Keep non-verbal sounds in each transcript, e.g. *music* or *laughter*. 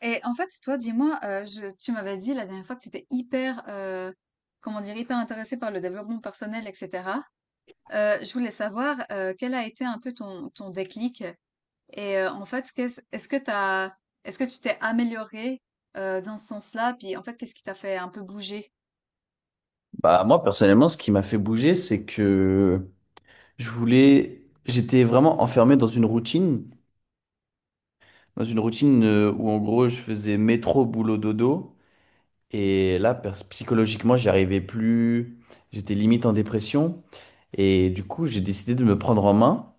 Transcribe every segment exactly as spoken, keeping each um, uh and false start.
Et en fait, toi, dis-moi, euh, je- tu m'avais dit la dernière fois que tu étais hyper, euh, comment dire, hyper intéressée par le développement personnel, et cetera. Euh, je voulais savoir euh, quel a été un peu ton, ton déclic et euh, en fait, qu'est-ce, est-ce que t'as, est-ce que tu t'es améliorée euh, dans ce sens-là? Puis en fait, qu'est-ce qui t'a fait un peu bouger? Bah, moi, personnellement, ce qui m'a fait bouger, c'est que je voulais, j'étais vraiment enfermé dans une routine, dans une routine euh, où en gros, je faisais métro, boulot, dodo. Et là, pers- psychologiquement, j'y arrivais plus. J'étais limite en dépression. Et du coup, j'ai décidé de me prendre en main,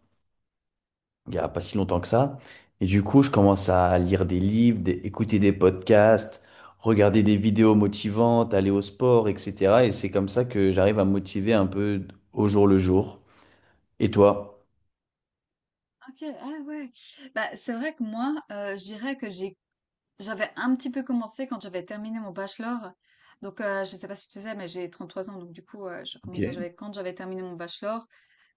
il n'y a pas si longtemps que ça. Et du coup, je commence à lire des livres, des- écouter des podcasts, regarder des vidéos motivantes, aller au sport, et cetera. Et c'est comme ça que j'arrive à me motiver un peu au jour le jour. Et toi? Ok, ah ouais. Bah, c'est vrai que moi, euh, je dirais que j'ai j'avais un petit peu commencé quand j'avais terminé mon bachelor. Donc, euh, je ne sais pas si tu sais, mais j'ai trente-trois ans. Donc, du coup, euh, je- comment dire, Ok, j'avais, quand j'avais terminé mon bachelor,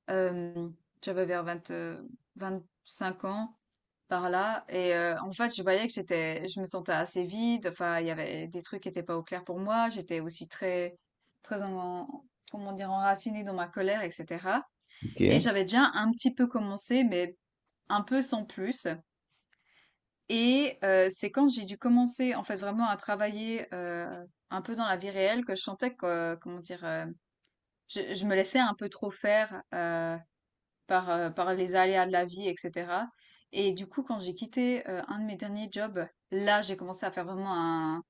euh, j'avais vers vingt euh, cinq ans par là. Et euh, en fait, je voyais que j'étais, je me sentais assez vide. Enfin, il y avait des trucs qui n'étaient pas au clair pour moi. J'étais aussi très, très en, comment dire, enracinée dans ma colère, et cetera. Et ok. j'avais déjà un petit peu commencé, mais un peu sans plus. Et euh, c'est quand j'ai dû commencer en fait vraiment à travailler euh, un peu dans la vie réelle que je sentais que, euh, comment dire, euh, je, je me laissais un peu trop faire euh, par, euh, par les aléas de la vie, et cetera. Et du coup, quand j'ai quitté euh, un de mes derniers jobs, là, j'ai commencé à faire vraiment un,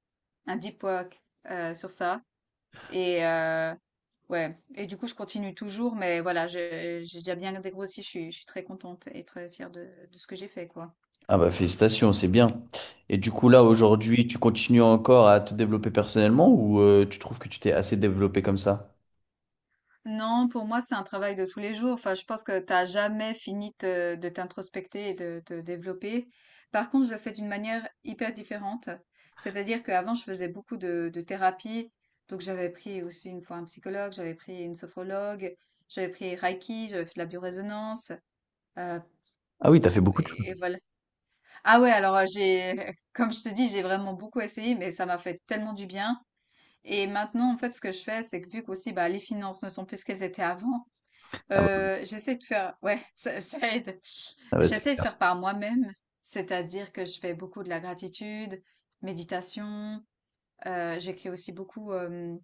un deep work euh, sur ça. Et euh, ouais, et du coup, je continue toujours, mais voilà, j'ai j'ai déjà bien dégrossi, je suis, je suis très contente et très fière de, de ce que j'ai fait, quoi. Ah bah, félicitations, c'est bien. Et du coup là aujourd'hui, tu continues encore à te développer personnellement ou euh, tu trouves que tu t'es assez développé comme ça? Non, pour moi, c'est un travail de tous les jours. Enfin, je pense que t'as jamais fini te- de t'introspecter et de te développer. Par contre, je le fais d'une manière hyper différente. C'est-à-dire qu'avant, je faisais beaucoup de, de thérapie. Donc, j'avais pris aussi une fois un psychologue, j'avais pris une sophrologue, j'avais pris Reiki, j'avais fait de la biorésonance. euh, Ah oui, t'as fait beaucoup de choses. et, et voilà. Ah ouais, alors euh, j'ai, *laughs* comme je te dis, j'ai vraiment beaucoup essayé, mais ça m'a fait tellement du bien. Et maintenant, en fait, ce que je fais, c'est que vu qu'aussi, bah, les finances ne sont plus ce qu'elles étaient avant, Ah bah, euh, j'essaie de faire, ouais, *laughs* ça, ça aide. ah bah, c'est J'essaie de bien. faire par moi-même, c'est-à-dire que je fais beaucoup de la gratitude, méditation. Euh, j'écris aussi beaucoup, euh,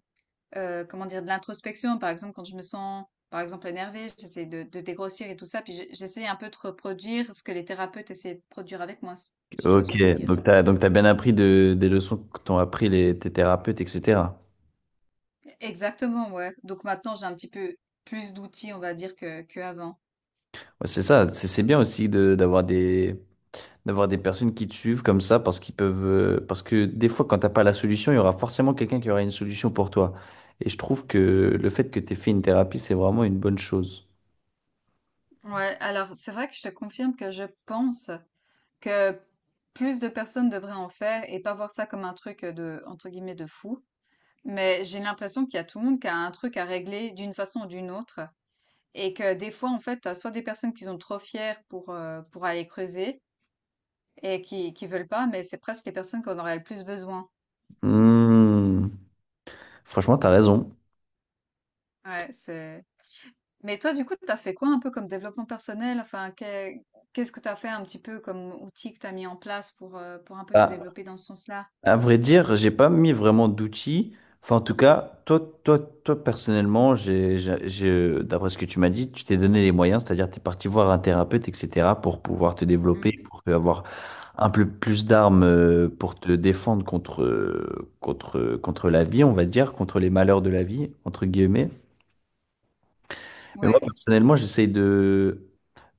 euh, comment dire, de l'introspection. Par exemple, quand je me sens, par exemple, énervée, j'essaie de, de dégrossir et tout ça. Puis j'ai- j'essaie un peu de reproduire ce que les thérapeutes essaient de produire avec moi, si si tu vois ce Ok, que je veux dire. donc t'as donc t'as bien appris de, des leçons que t'ont appris les, tes thérapeutes, et cetera. Exactement, ouais. Donc maintenant, j'ai un petit peu plus d'outils, on va dire, que, que avant. Ouais, c'est ça, c'est c'est bien aussi de d'avoir des, d'avoir des personnes qui te suivent comme ça parce qu'ils peuvent euh, parce que des fois quand t'as pas la solution, il y aura forcément quelqu'un qui aura une solution pour toi, et je trouve que le fait que t'aies fait une thérapie, c'est vraiment une bonne chose. Ouais, alors c'est vrai que je te confirme que je pense. Que plus de personnes devraient en faire et pas voir ça comme un truc euh, de, entre guillemets, de fou. Mais j'ai l'impression qu'il y a tout le monde qui a un truc à régler d'une façon ou d'une autre. Et que des fois, en fait, t'as soit des personnes qui sont trop fières pour, euh, pour aller creuser et qui, qui veulent pas, mais c'est presque les personnes qu'on aurait le plus besoin. Hmm. Franchement, t'as raison. Ouais, c'est... Mais toi, du coup, t'as fait quoi un peu comme développement personnel? Enfin, que- qu'est-ce que t'as fait un petit peu comme outil que t'as mis en place pour, euh, pour un peu te Bah, développer dans ce sens-là? À vrai dire, j'ai pas mis vraiment d'outils. Enfin, en tout cas, toi, toi, toi personnellement, j'ai, j'ai, j'ai- d'après ce que tu m'as dit, tu t'es donné les moyens, c'est-à-dire tu es parti voir un thérapeute, et cetera, pour pouvoir te développer, Mm. pour avoir un peu plus d'armes euh, pour te défendre contre, euh, contre, contre la vie, on va dire, contre les malheurs de la vie, entre guillemets. Mais moi, Ouais. personnellement, j'essaye de,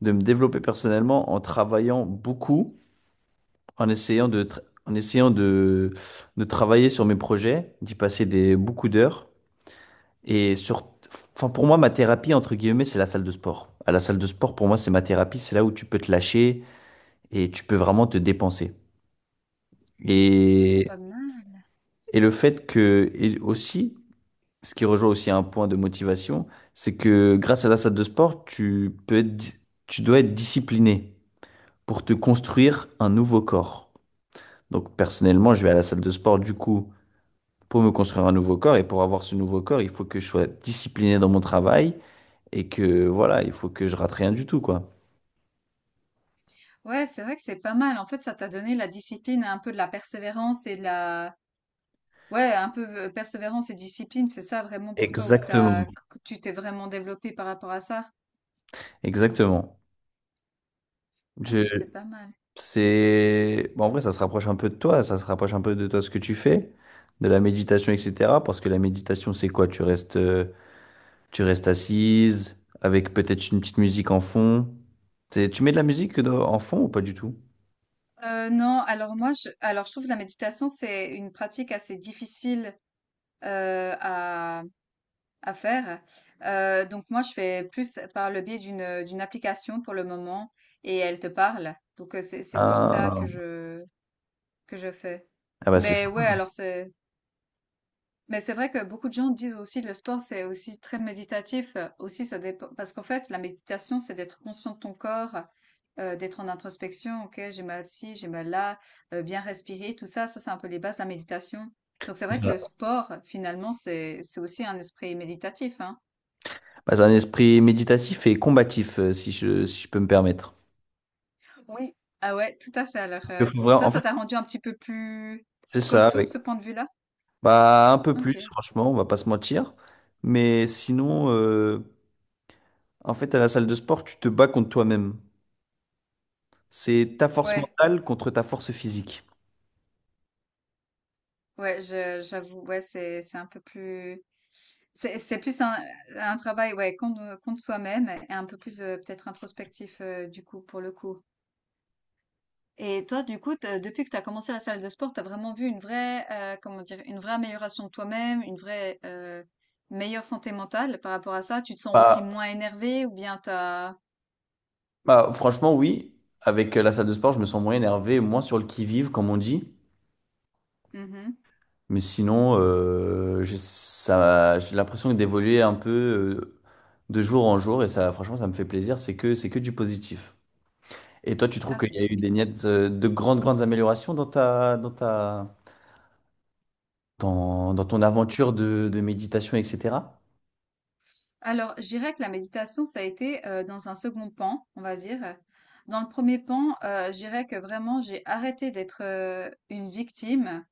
de me développer personnellement en travaillant beaucoup en essayant de, tra- en essayant de, de travailler sur mes projets, d'y passer des, beaucoup d'heures. Et sur, enfin, pour moi, ma thérapie, entre guillemets, c'est la salle de sport. À la salle de sport, pour moi, c'est ma thérapie. C'est là où tu peux te lâcher et tu peux vraiment te dépenser. Mm, Et, pas mal. et le fait que, et aussi, ce qui rejoint aussi un point de motivation, c'est que grâce à la salle de sport, tu peux être, di- tu dois être discipliné pour te construire un nouveau corps. Donc personnellement, je vais à la salle de sport du coup pour me construire un nouveau corps, et pour avoir ce nouveau corps, il faut que je sois discipliné dans mon travail et que voilà, il faut que je rate rien du tout, quoi. Ouais, c'est vrai que c'est pas mal. En fait, ça t'a donné la discipline, et un peu de la persévérance et de la... Ouais, un peu euh, persévérance et discipline, c'est ça vraiment pour toi où Exactement. t'as, tu t'es vraiment développé par rapport à ça? Exactement. Ah, Je, ça, c'est pas mal. c'est, bon, en vrai, ça se rapproche un peu de toi, ça se rapproche un peu de toi ce que tu fais, de la méditation, et cetera. Parce que la méditation, c'est quoi? Tu restes, euh, tu restes assise avec peut-être une petite musique en fond. C'est- Tu mets de la musique dans- en fond ou pas du tout? Euh, non, alors moi, je, alors je trouve que la méditation, c'est une pratique assez difficile euh, à, à faire. Euh, donc moi, je fais plus par le biais d'une d'une application pour le moment et elle te parle. Donc euh, c'est c'est plus ça Ah, que je que je fais. ah bah c'est ça. Mais ouais, alors c'est... Mais c'est vrai que beaucoup de gens disent aussi le sport, c'est aussi très méditatif. euh, Aussi, ça dépend. Parce qu'en fait, la méditation, c'est d'être conscient de ton corps, euh, d'être en introspection. Ok, j'ai mal ci, j'ai mal là, euh, bien respirer, tout ça. Ça, c'est un peu les bases de la méditation. Donc, c'est vrai que le sport, finalement, c'est, c'est aussi un esprit méditatif, hein. Bah, c'est un esprit méditatif et combatif, euh, si je, si je peux me permettre. Oui, ah ouais, tout à fait. Alors, Il euh, faut vraiment- toi, En ça fait, t'a rendu un petit peu plus c'est ça, costaud de avec ce point de vue-là? bah, un peu plus, Ok. franchement, on va pas se mentir. Mais sinon, euh, en fait, à la salle de sport, tu te bats contre toi-même. C'est ta force Ouais, mentale contre ta force physique. ouais, je, j'avoue, ouais, c'est, c'est un peu plus. C'est c'est plus un un travail, ouais, contre contre soi-même et un peu plus, heu, peut-être introspectif, heu, du coup, pour le coup. Et toi, du coup, te depuis que tu as commencé la salle de sport, tu as vraiment vu une vraie, heu, comment dire? Une vraie amélioration de toi-même, une vraie, heu, meilleure santé mentale par rapport à ça? Tu te sens Bah, aussi moins énervé ou bien t'as as bah, franchement, oui. Avec euh, la salle de sport, je me sens moins énervé, moins sur le qui-vive, comme on dit. mmh. Mais sinon, euh, j'ai ça, j'ai l'impression d'évoluer un peu euh, de jour en jour. Et ça, franchement, ça me fait plaisir. C'est que, c'est que du positif. Et toi, tu trouves Ah, qu'il c'est y a trop eu des bien. nettes euh, de grandes, grandes améliorations dans ta, dans ta, dans, dans ton aventure de, de méditation, et cetera. Alors, je dirais que la méditation, ça a été, heu, dans un second pan, on va dire. Dans le premier pan, heu, je dirais que vraiment j'ai arrêté d'être, heu, une victime.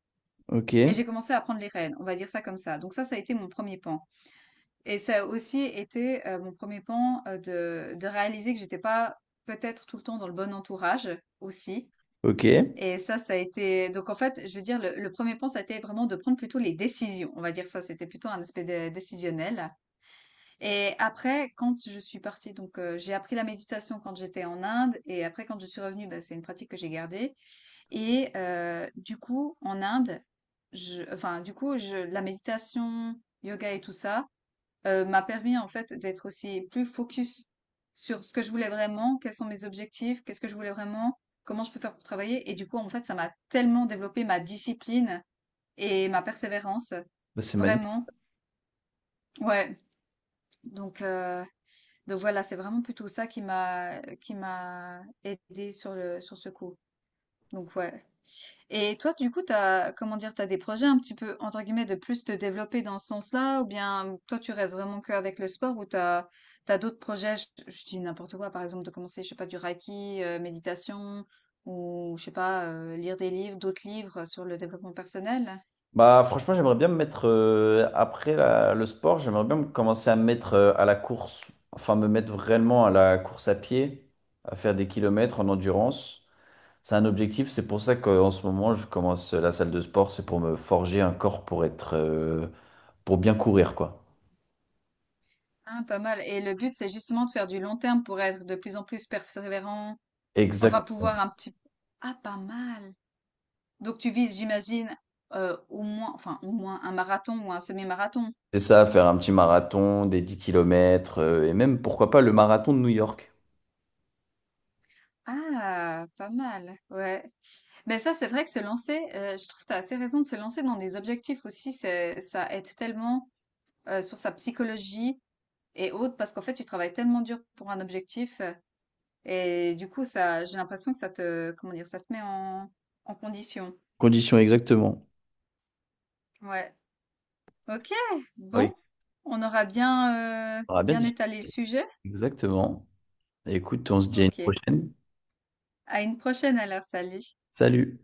Ok, Et j'ai commencé à prendre les rênes, on va dire ça comme ça. Donc ça, ça a été mon premier pan. Et ça a aussi été euh, mon premier pan euh, de, de réaliser que j'étais pas peut-être tout le temps dans le bon entourage aussi. ok. Et ça, ça a été... Donc en fait, je veux dire, le, le premier pan, ça a été vraiment de prendre plutôt les décisions. On va dire ça, c'était plutôt un aspect dé- décisionnel. Et après, quand je suis partie, donc euh, j'ai appris la méditation quand j'étais en Inde. Et après, quand je suis revenue, bah, c'est une pratique que j'ai gardée. Et euh, du coup, en Inde, je, enfin, du coup, je, la méditation, yoga et tout ça euh, m'a permis en fait d'être aussi plus focus sur ce que je voulais vraiment, quels sont mes objectifs, qu'est-ce que je voulais vraiment, comment je peux faire pour travailler. Et du coup, en fait, ça m'a tellement développé ma discipline et ma persévérance, Bah, c'est magnifique. vraiment. Ouais. Donc, euh, donc voilà, c'est vraiment plutôt ça qui m'a qui m'a aidé sur le sur ce coup. Donc ouais. Et toi, du coup, t'as, comment dire, t'as des projets un petit peu, entre guillemets, de plus te développer dans ce sens-là, ou bien toi, tu restes vraiment qu'avec le sport, ou t'as, t'as d'autres projets, je, je dis n'importe quoi, par exemple, de commencer, je sais pas, du reiki, euh, méditation, ou je sais pas, euh, lire des livres, d'autres livres sur le développement personnel. Bah, franchement, j'aimerais bien me mettre, euh, après la- le sport, j'aimerais bien me- commencer à me mettre euh, à la course, enfin me mettre vraiment à la course à pied, à faire des kilomètres en endurance. C'est un objectif, c'est pour ça qu'en ce moment, je commence la salle de sport, c'est pour me forger un corps pour être, euh, pour bien courir, quoi. Ah, pas mal. Et le but, c'est justement de faire du long terme pour être de plus en plus persévérant, Exact. enfin, pouvoir un petit... Ah, pas mal. Donc, tu vises, j'imagine, euh, au moins, enfin, au moins un marathon ou un semi-marathon. C'est ça, faire un petit marathon, des dix kilomètres, euh, et même, pourquoi pas, le marathon de New York. Ah, pas mal, ouais. Mais ça, c'est vrai que se lancer, euh, je trouve que tu as assez raison de se lancer dans des objectifs aussi, c'est, ça aide tellement euh, sur sa psychologie et autres, parce qu'en fait, tu travailles tellement dur pour un objectif, euh, et du coup, ça, j'ai l'impression que ça te, comment dire, ça te met en, en condition. Condition exactement. Ouais. Ok, Oui, bon, on aura bien, euh, ça sera bien bien différent. étalé le sujet. Exactement. Écoute, on se dit à une Ok. prochaine. À une prochaine alors, salut. Salut.